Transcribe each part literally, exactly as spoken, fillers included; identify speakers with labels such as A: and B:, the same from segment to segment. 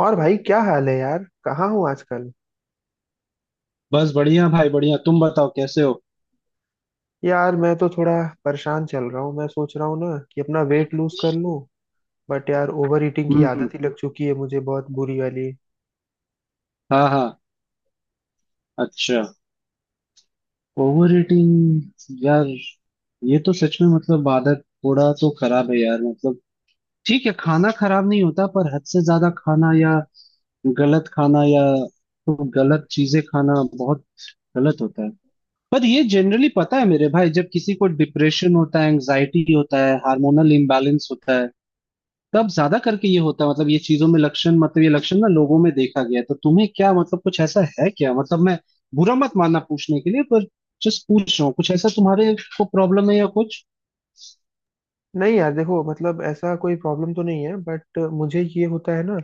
A: और भाई क्या हाल है यार। कहाँ हूँ आजकल।
B: बस बढ़िया भाई बढ़िया। तुम बताओ कैसे हो।
A: यार मैं तो थोड़ा परेशान चल रहा हूँ। मैं सोच रहा हूँ ना कि अपना वेट लूज कर लूँ। बट यार ओवर ईटिंग की
B: हम्म।
A: आदत ही लग चुकी है मुझे, बहुत बुरी वाली।
B: हाँ हाँ। अच्छा। ओवर ईटिंग यार, ये तो सच में मतलब आदत थोड़ा तो खराब है यार, मतलब ठीक है, खाना खराब नहीं होता पर हद से ज्यादा खाना या गलत खाना या तो गलत चीजें खाना बहुत गलत होता है। पर ये जनरली पता है मेरे भाई, जब किसी को डिप्रेशन होता है, एंजाइटी होता है, हार्मोनल इम्बैलेंस होता है, तब ज्यादा करके ये होता है। मतलब ये चीजों में लक्षण, मतलब ये लक्षण ना लोगों में देखा गया है। तो तुम्हें क्या, मतलब कुछ ऐसा है क्या? मतलब मैं बुरा मत मानना पूछने के लिए, पर जस्ट पूछ रहा हूँ कुछ ऐसा तुम्हारे को प्रॉब्लम है या कुछ।
A: नहीं यार, देखो मतलब ऐसा कोई प्रॉब्लम तो नहीं है, बट मुझे ये होता है ना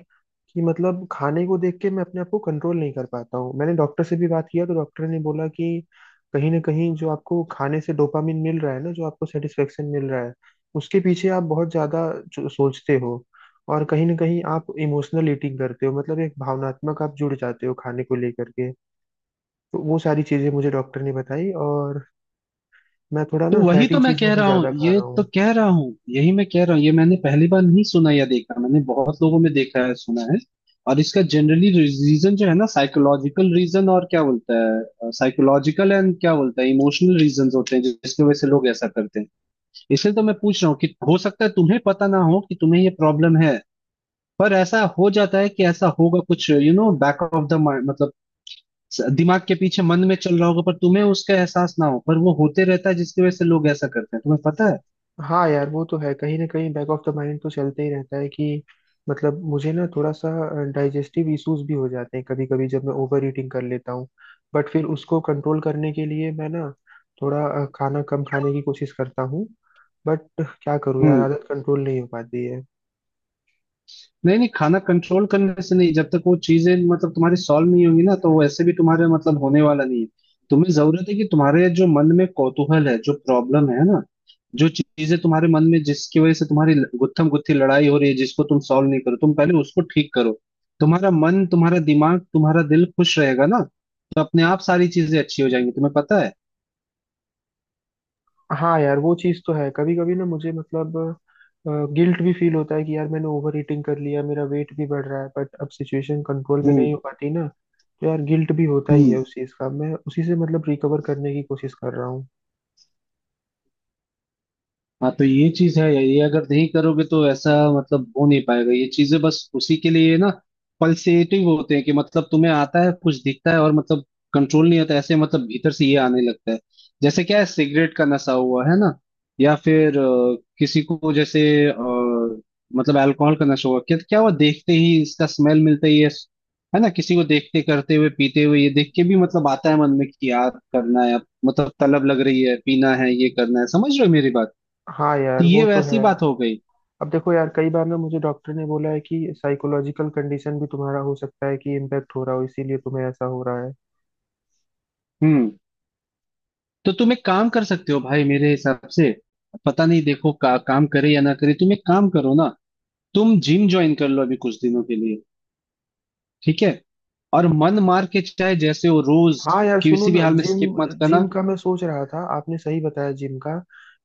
A: कि मतलब खाने को देख के मैं अपने आप को कंट्रोल नहीं कर पाता हूँ। मैंने डॉक्टर से भी बात किया तो डॉक्टर ने बोला कि कहीं ना कहीं जो आपको खाने से डोपामिन मिल रहा है ना, जो आपको सेटिस्फेक्शन मिल रहा है, उसके पीछे आप बहुत ज्यादा जो- सोचते हो। और कहीं ना कहीं आप इमोशनल ईटिंग करते हो, मतलब एक भावनात्मक आप जुड़ जाते हो खाने को लेकर के। तो वो सारी चीजें मुझे डॉक्टर ने बताई, और मैं थोड़ा
B: तो
A: ना
B: वही
A: फैटी
B: तो मैं
A: चीजें
B: कह
A: भी
B: रहा हूँ,
A: ज्यादा खा
B: ये
A: रहा
B: तो
A: हूँ।
B: कह रहा हूँ, यही मैं कह रहा हूँ। ये मैंने पहली बार नहीं सुना या देखा, मैंने बहुत लोगों में देखा है, सुना है। और इसका जनरली रीजन जो है ना, साइकोलॉजिकल रीजन और क्या बोलता है, साइकोलॉजिकल एंड क्या बोलता है इमोशनल रीजन होते हैं, जिसकी वजह से लोग ऐसा करते हैं। इसलिए तो मैं पूछ रहा हूँ कि हो सकता है तुम्हें पता ना हो कि तुम्हें ये प्रॉब्लम है। पर ऐसा हो जाता है कि ऐसा होगा कुछ, you know, back of the mind, मतलब स- दिमाग के पीछे, मन में चल रहा होगा पर तुम्हें उसका एहसास ना हो, पर वो होते रहता है जिसकी वजह से लोग ऐसा करते हैं। तुम्हें पता है।
A: हाँ यार, वो तो है, कहीं ना कहीं बैक ऑफ द माइंड तो चलते ही रहता है कि मतलब मुझे ना थोड़ा सा डाइजेस्टिव इश्यूज भी हो जाते हैं कभी कभी जब मैं ओवर ईटिंग कर लेता हूँ। बट फिर उसको कंट्रोल करने के लिए मैं ना थोड़ा अ, खाना कम खाने की कोशिश करता हूँ। बट क्या करूँ यार,
B: हम्म।
A: आदत कंट्रोल नहीं हो पाती है।
B: नहीं नहीं, खाना कंट्रोल करने से नहीं। जब तक वो चीजें मतलब तुम्हारी सॉल्व नहीं होंगी ना, तो वैसे भी तुम्हारे मतलब होने वाला नहीं है। तुम्हें जरूरत है कि तुम्हारे जो मन में कौतूहल है, जो प्रॉब्लम है ना, जो चीजें तुम्हारे मन में, जिसकी वजह से तुम्हारी गुत्थम गुत्थी लड़ाई हो रही है, जिसको तुम सॉल्व नहीं करो, तुम पहले उसको ठीक करो। तुम्हारा मन, तुम्हारा दिमाग, तुम्हारा दिल खुश रहेगा ना, तो अपने आप सारी चीजें अच्छी हो जाएंगी। तुम्हें पता है।
A: हाँ यार, वो चीज़ तो है, कभी कभी ना मुझे मतलब गिल्ट भी फील होता है कि यार मैंने ओवर ईटिंग कर लिया, मेरा वेट भी बढ़ रहा है, बट अब सिचुएशन कंट्रोल में नहीं
B: हम्म।
A: हो पाती ना। तो यार गिल्ट भी होता ही
B: हम्म।
A: है उस चीज का, मैं उसी से मतलब रिकवर करने की कोशिश कर रहा हूँ।
B: हाँ, तो ये चीज है, ये अगर नहीं करोगे तो ऐसा मतलब हो नहीं पाएगा। ये चीजें बस उसी के लिए ना पल्सेटिव होते हैं कि मतलब तुम्हें आता है, कुछ दिखता है और मतलब कंट्रोल नहीं आता, ऐसे मतलब भीतर से ये आने लगता है। जैसे क्या है, सिगरेट का नशा हुआ है ना, या फिर अ, किसी को जैसे अ, मतलब अल्कोहल का नशा हुआ, क्या क्या हुआ, देखते ही इसका स्मेल मिलता ही है। yes, है ना, किसी को देखते, करते हुए, पीते हुए ये देख के भी मतलब आता है मन में कि यार करना है अब, मतलब तलब लग रही है, पीना है, ये करना है। समझ रहे हो मेरी बात?
A: हाँ
B: तो
A: यार, वो
B: ये
A: तो
B: वैसी
A: है।
B: बात हो गई।
A: अब देखो यार, कई बार ना मुझे डॉक्टर ने बोला है कि साइकोलॉजिकल कंडीशन भी तुम्हारा हो सकता है कि इम्पेक्ट हो रहा हो, इसीलिए तुम्हें ऐसा हो रहा है।
B: हम्म। तो तुम एक काम कर सकते हो भाई मेरे हिसाब से। पता नहीं देखो का, काम करे या ना करे, तुम एक काम करो ना, तुम जिम ज्वाइन कर लो अभी कुछ दिनों के लिए। ठीक है, और मन मार के चाहे जैसे हो, रोज
A: हाँ यार, सुनो
B: किसी भी
A: ना,
B: हाल में
A: जिम
B: स्किप मत करना।
A: जिम का मैं सोच रहा था, आपने सही बताया, जिम का।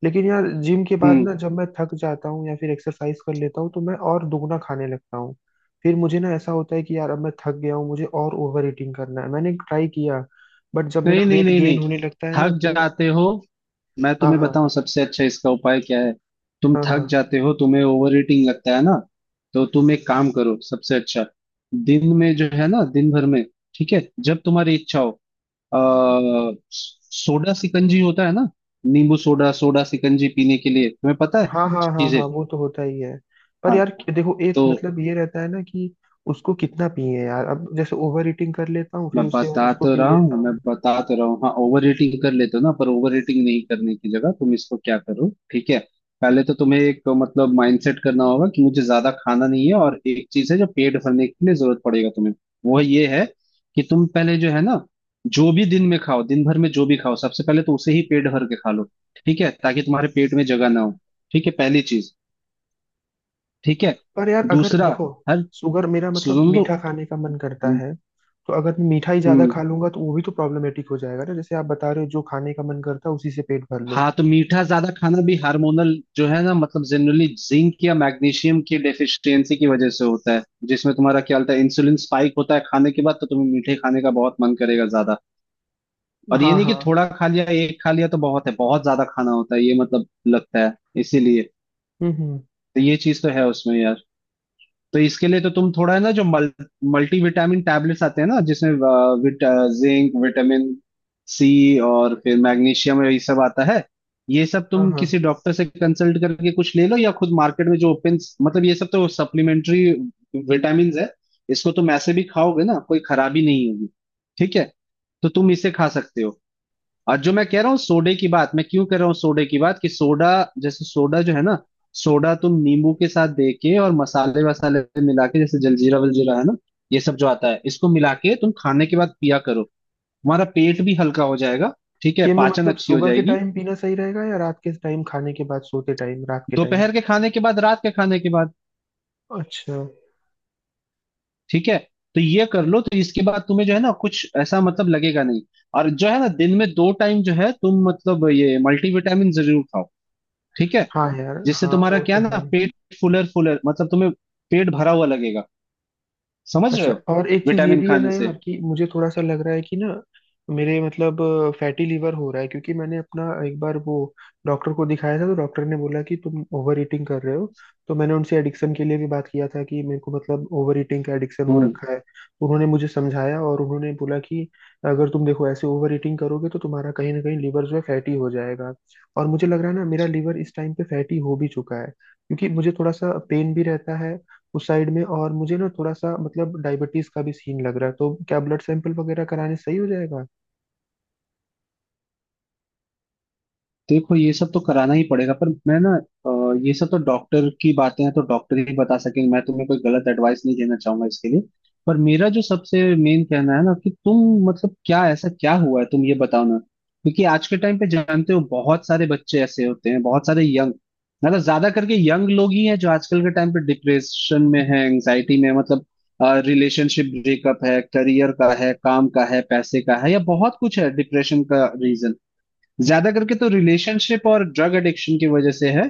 A: लेकिन यार जिम के बाद ना
B: हम्म।
A: जब मैं थक जाता हूँ या फिर एक्सरसाइज कर लेता हूँ तो मैं और दुगना खाने लगता हूँ। फिर मुझे ना ऐसा होता है कि यार अब मैं थक गया हूँ, मुझे और ओवर ईटिंग करना है, मैंने ट्राई किया। बट जब
B: नहीं
A: मेरा
B: नहीं
A: वेट
B: नहीं
A: गेन
B: नहीं,
A: होने लगता है ना
B: थक
A: तो।
B: जाते हो। मैं
A: हाँ,
B: तुम्हें
A: हाँ,
B: बताऊं सबसे अच्छा इसका उपाय क्या है। तुम
A: हाँ,
B: थक
A: हाँ,
B: जाते हो, तुम्हें ओवर ईटिंग लगता है ना, तो तुम एक काम करो सबसे अच्छा। दिन में जो है ना, दिन भर में, ठीक है, जब तुम्हारी इच्छा हो, अ, सोडा सिकंजी होता है ना, नींबू सोडा, सोडा सिकंजी पीने के लिए। तुम्हें पता है
A: हाँ, हाँ, हाँ,
B: चीजें।
A: हाँ, वो तो होता ही है। पर
B: हाँ
A: यार देखो, एक
B: तो
A: मतलब ये रहता है ना कि उसको कितना पिए यार, अब जैसे ओवर ईटिंग कर लेता हूँ
B: मैं
A: फिर उसके बाद
B: बता
A: उसको
B: तो
A: पी
B: रहा
A: लेता
B: हूँ, मैं
A: हूँ।
B: बता तो रहा हूँ, हाँ ओवर रेटिंग कर लेते हो ना, पर ओवर रेटिंग नहीं करने की जगह तुम इसको क्या करो, ठीक है। पहले तो तुम्हें एक मतलब माइंडसेट करना होगा कि मुझे ज्यादा खाना नहीं है। और एक चीज है जो पेट भरने के लिए जरूरत पड़ेगा तुम्हें, वो ये है कि तुम पहले जो है ना, जो भी दिन में खाओ, दिन भर में जो भी खाओ सबसे पहले तो उसे ही पेट भर के खा लो, ठीक है, ताकि तुम्हारे पेट में जगह ना हो। ठीक है पहली चीज, ठीक है
A: पर यार अगर
B: दूसरा,
A: देखो,
B: हर
A: शुगर मेरा मतलब
B: सुनो तो।
A: मीठा खाने का मन करता
B: हम्म।
A: है। तो अगर मैं मीठा ही ज्यादा
B: हम्म,
A: खा लूंगा तो वो भी तो प्रॉब्लमेटिक हो जाएगा ना, जैसे आप बता रहे हो जो खाने का मन करता है उसी से पेट भर लो।
B: हाँ तो मीठा ज्यादा खाना भी हार्मोनल जो है ना, मतलब जनरली जिंक या मैग्नीशियम की डेफिशिएंसी की वजह से होता है, जिसमें तुम्हारा क्या होता है, इंसुलिन स्पाइक होता है खाने के बाद, तो तुम्हें मीठे खाने का बहुत मन करेगा ज्यादा। और ये
A: हाँ,
B: नहीं कि
A: हाँ।
B: थोड़ा खा लिया, एक खा लिया तो बहुत है, बहुत ज्यादा खाना होता है ये मतलब लगता है। इसीलिए
A: हम्म, हम्म।
B: तो ये चीज तो है उसमें यार। तो इसके लिए तो तुम थोड़ा है ना जो मल, मल्टीविटामिन टैबलेट्स आते हैं ना, जिसमें अ, विट, अ, जिंक, विटामिन सी और फिर मैग्नीशियम, ये सब आता है। ये सब
A: हाँ,
B: तुम
A: हाँ।
B: किसी डॉक्टर से कंसल्ट करके कुछ ले लो, या खुद मार्केट में जो ओपन, मतलब ये सब तो सप्लीमेंट्री विटामिन है, इसको तुम ऐसे भी खाओगे ना कोई खराबी नहीं होगी। ठीक है, तो तुम इसे खा सकते हो। और जो मैं कह रहा हूँ सोडे की बात, मैं क्यों कह रहा हूँ सोडे की बात, कि सोडा, जैसे सोडा जो है ना, सोडा तुम नींबू के साथ दे के और मसाले वसाले मिला के, जैसे जलजीरा वलजीरा है ना, ये सब जो आता है इसको मिला के तुम खाने के बाद पिया करो, तुम्हारा पेट भी हल्का हो जाएगा। ठीक है,
A: ये मैं
B: पाचन
A: मतलब
B: अच्छी हो
A: सुबह के
B: जाएगी।
A: टाइम पीना सही रहेगा या रात के टाइम खाने के बाद, सोते टाइम, रात के टाइम?
B: दोपहर के खाने के बाद, रात के खाने के बाद,
A: अच्छा।
B: ठीक है। तो ये कर लो, तो इसके बाद तुम्हें जो है ना कुछ ऐसा मतलब लगेगा नहीं। और जो है ना, दिन में दो टाइम जो है, तुम मतलब ये मल्टीविटामिन जरूर खाओ, ठीक है,
A: हाँ यार,
B: जिससे
A: हाँ
B: तुम्हारा
A: वो
B: क्या
A: तो
B: ना,
A: है।
B: पेट फुलर फुलर मतलब तुम्हें पेट भरा हुआ लगेगा समझ रहे
A: अच्छा,
B: हो?
A: और एक चीज ये
B: विटामिन
A: भी है ना
B: खाने से
A: यार कि मुझे थोड़ा सा लग रहा है कि ना मेरे मतलब फैटी लीवर हो रहा है, क्योंकि मैंने अपना एक बार वो डॉक्टर को दिखाया था तो डॉक्टर ने बोला कि तुम ओवर ईटिंग कर रहे हो। तो मैंने उनसे एडिक्शन के लिए भी बात किया था कि मेरे को मतलब ओवर ईटिंग का एडिक्शन हो
B: हम्म।
A: रखा है, तो उन्होंने मुझे समझाया और उन्होंने बोला कि अगर तुम देखो ऐसे ओवर ईटिंग करोगे तो तुम्हारा कहीं ना कहीं लीवर जो है फैटी हो जाएगा। और मुझे लग रहा है ना, मेरा लीवर इस टाइम पे फैटी हो भी चुका है, क्योंकि मुझे थोड़ा सा पेन भी रहता है उस साइड में। और मुझे ना थोड़ा सा मतलब डायबिटीज का भी सीन लग रहा है, तो क्या ब्लड सैंपल वगैरह कराने सही हो जाएगा?
B: देखो ये सब तो कराना ही पड़ेगा, पर मैं ना, अ, ये सब तो डॉक्टर की बातें हैं, तो डॉक्टर ही बता सकेंगे, मैं तुम्हें कोई गलत एडवाइस नहीं देना चाहूंगा इसके लिए। पर मेरा जो सबसे मेन कहना है ना, कि तुम मतलब क्या, ऐसा क्या हुआ है तुम ये बताओ ना, क्योंकि आज के टाइम पे जानते हो बहुत सारे बच्चे ऐसे होते हैं, बहुत सारे यंग, मतलब ज्यादा करके यंग लोग ही हैं जो आजकल के टाइम पे डिप्रेशन में है, एंग्जाइटी में है, मतलब रिलेशनशिप ब्रेकअप है, करियर का है, काम का है, पैसे का है, या बहुत कुछ है डिप्रेशन का रीजन। ज्यादा करके तो रिलेशनशिप और ड्रग एडिक्शन की वजह से है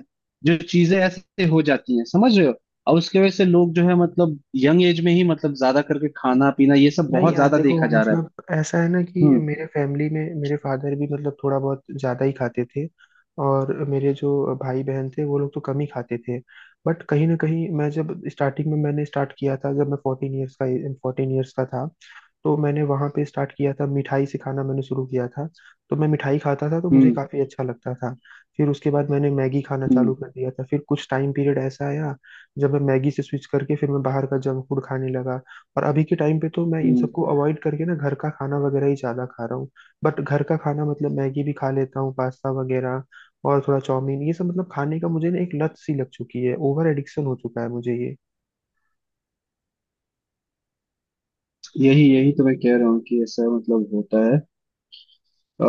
B: जो चीजें ऐसे हो जाती हैं, समझ रहे हो। और उसके वजह से लोग जो है मतलब यंग एज में ही मतलब ज्यादा करके खाना पीना ये सब
A: नहीं
B: बहुत
A: यार
B: ज्यादा
A: देखो,
B: देखा जा रहा है।
A: मतलब ऐसा है ना कि
B: हम्म।
A: मेरे फैमिली में मेरे फादर भी मतलब थोड़ा बहुत ज़्यादा ही खाते थे। और मेरे जो भाई बहन थे वो लोग तो कम ही खाते थे। बट कहीं ना कहीं मैं जब स्टार्टिंग में मैंने स्टार्ट किया था, जब मैं फोर्टीन ईयर्स का फोर्टीन ईयर्स का था, तो मैंने वहाँ पे स्टार्ट किया था, मिठाई से खाना मैंने शुरू किया था। तो मैं मिठाई खाता था तो मुझे
B: हम्म।
A: काफ़ी अच्छा लगता था। फिर उसके बाद मैंने मैगी खाना चालू
B: हम्म।
A: कर दिया था, फिर कुछ टाइम पीरियड ऐसा आया जब मैं मैगी से स्विच करके फिर मैं बाहर का जंक फूड खाने लगा। और अभी के टाइम पे तो मैं इन
B: हम्म।
A: सबको अवॉइड करके ना घर का खाना वगैरह ही ज्यादा खा रहा हूँ। बट घर का खाना मतलब मैगी भी खा लेता हूँ, पास्ता वगैरह और थोड़ा चाउमीन, ये सब मतलब खाने का मुझे ना एक लत सी लग चुकी है, ओवर एडिक्शन हो चुका है मुझे ये।
B: यही यही तो मैं कह रहा हूँ कि ऐसा मतलब होता है। अ,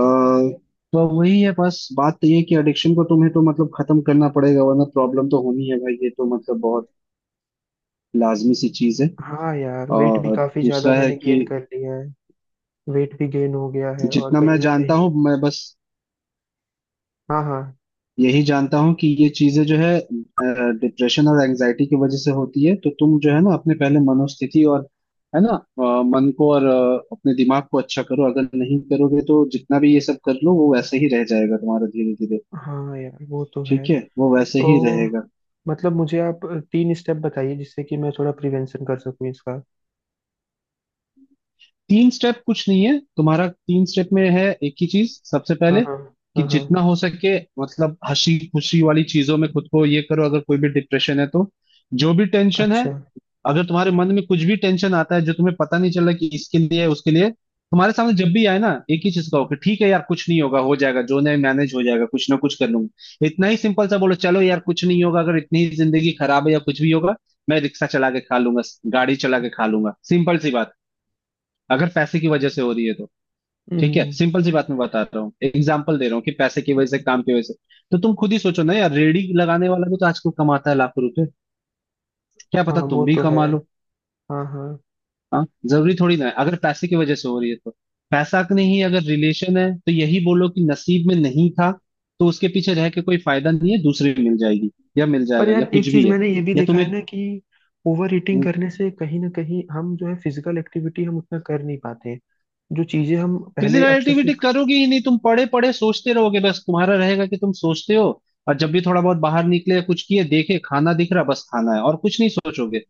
B: तो वही है, बस बात तो ये है कि एडिक्शन को तुम्हें तो मतलब खत्म करना पड़ेगा, वरना प्रॉब्लम तो होनी है भाई, ये तो मतलब बहुत लाजमी सी चीज है।
A: हाँ यार, वेट भी
B: और
A: काफी ज्यादा
B: दूसरा है
A: मैंने
B: कि
A: गेन कर लिया है। वेट भी गेन हो गया है, और
B: जितना
A: कहीं
B: मैं
A: ना
B: जानता
A: कहीं।
B: हूँ, मैं बस
A: हाँ, हाँ।
B: यही जानता हूँ कि ये चीजें जो है डिप्रेशन और एंजाइटी की वजह से होती है, तो तुम जो है ना अपने पहले मनोस्थिति और है ना, अ, मन को और अ, अपने दिमाग को अच्छा करो। अगर नहीं करोगे तो जितना भी ये सब कर लो, वो वैसे ही रह जाएगा तुम्हारा धीरे धीरे।
A: हाँ यार, वो तो है।
B: ठीक है, वो वैसे
A: तो
B: ही रहेगा।
A: मतलब मुझे आप तीन स्टेप बताइए, जिससे कि मैं थोड़ा प्रिवेंशन कर सकूं इसका।
B: तीन स्टेप कुछ नहीं है, तुम्हारा तीन स्टेप में है एक ही चीज सबसे
A: हाँ,
B: पहले,
A: हाँ,
B: कि
A: हाँ, हाँ।
B: जितना हो सके मतलब हंसी खुशी वाली चीजों में खुद को ये करो। अगर कोई भी डिप्रेशन है तो, जो भी टेंशन है,
A: अच्छा।
B: अगर तुम्हारे मन में कुछ भी टेंशन आता है, जो तुम्हें पता नहीं चल रहा कि इसके लिए है, उसके लिए, तुम्हारे सामने जब भी आए ना, एक ही चीज कहो कि ठीक है यार, कुछ नहीं होगा, हो जाएगा, जो नहीं मैनेज हो जाएगा कुछ ना कुछ कर लूंगा। इतना ही सिंपल सा बोलो, चलो यार कुछ नहीं होगा। अगर इतनी ही जिंदगी खराब है या कुछ भी होगा, मैं रिक्शा चला के खा लूंगा, गाड़ी चला के खा लूंगा, सिंपल सी बात। अगर पैसे की वजह से हो रही है तो ठीक है,
A: हम्म।
B: सिंपल सी बात, मैं बता रहा हूँ एग्जाम्पल दे रहा हूँ कि पैसे की वजह से, काम की वजह से, तो तुम खुद ही सोचो ना यार, रेडी लगाने वाला भी तो आजकल कमाता है लाखों रुपए, क्या पता
A: हाँ वो
B: तुम भी
A: तो है।
B: कमा लो।
A: हाँ, हाँ।
B: हाँ, जरूरी थोड़ी ना है अगर पैसे की वजह से हो रही है तो। पैसा का नहीं, अगर रिलेशन है तो यही बोलो कि नसीब में नहीं था, तो उसके पीछे रह के कोई फायदा नहीं है, दूसरी मिल जाएगी या मिल
A: पर
B: जाएगा, या
A: यार
B: कुछ
A: एक चीज
B: भी है।
A: मैंने ये भी
B: या
A: देखा
B: तुम्हें
A: है ना कि ओवर ईटिंग करने से कहीं ना कहीं हम जो है फिजिकल एक्टिविटी हम उतना कर नहीं पाते, जो चीजें हम
B: फिजिकल
A: पहले अच्छे से।
B: एक्टिविटी करोगे ही नहीं, तुम पढ़े पढ़े सोचते रहोगे, बस तुम्हारा रहेगा कि तुम सोचते हो। और जब भी थोड़ा बहुत बाहर निकले या कुछ किए, देखे खाना दिख रहा, बस खाना है और कुछ नहीं सोचोगे,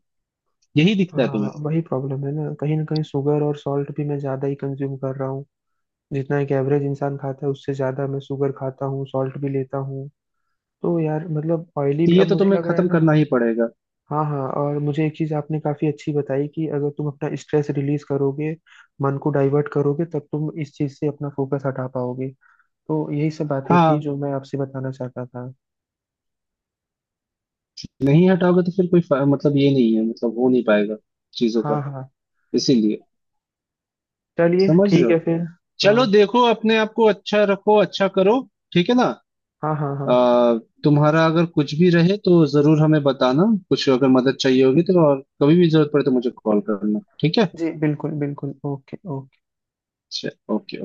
B: यही दिखता है तुम्हें।
A: हाँ, वही प्रॉब्लम है ना, कहीं ना कहीं शुगर और सॉल्ट भी मैं ज्यादा ही कंज्यूम कर रहा हूँ। जितना एक एवरेज इंसान खाता है उससे ज्यादा मैं शुगर खाता हूँ, सॉल्ट भी लेता हूँ। तो यार मतलब ऑयली
B: तो
A: भी
B: ये
A: अब
B: तो
A: मुझे
B: तुम्हें
A: लग रहा है
B: खत्म
A: ना।
B: करना ही पड़ेगा।
A: हाँ, हाँ, और मुझे एक चीज आपने काफी अच्छी बताई कि अगर तुम अपना स्ट्रेस रिलीज करोगे, मन को डाइवर्ट करोगे तब तुम इस चीज से अपना फोकस हटा पाओगे। तो यही सब बातें थी
B: हाँ,
A: जो मैं आपसे बताना चाहता था।
B: नहीं हटाओगे तो फिर कोई फा- मतलब ये नहीं है, मतलब हो नहीं पाएगा चीजों
A: हाँ,
B: का,
A: हाँ।
B: इसीलिए।
A: चलिए
B: समझ रहे
A: ठीक
B: हो?
A: है फिर।
B: चलो,
A: हाँ,
B: देखो अपने आप को अच्छा रखो, अच्छा करो। ठीक है ना।
A: हाँ, हाँ, हाँ।
B: आ, तुम्हारा अगर कुछ भी रहे तो जरूर हमें बताना, कुछ अगर मदद चाहिए होगी तो, और कभी भी जरूरत पड़े तो मुझे कॉल करना, ठीक है।
A: जी बिल्कुल बिल्कुल, ओके ओके।
B: अच्छा, ओके।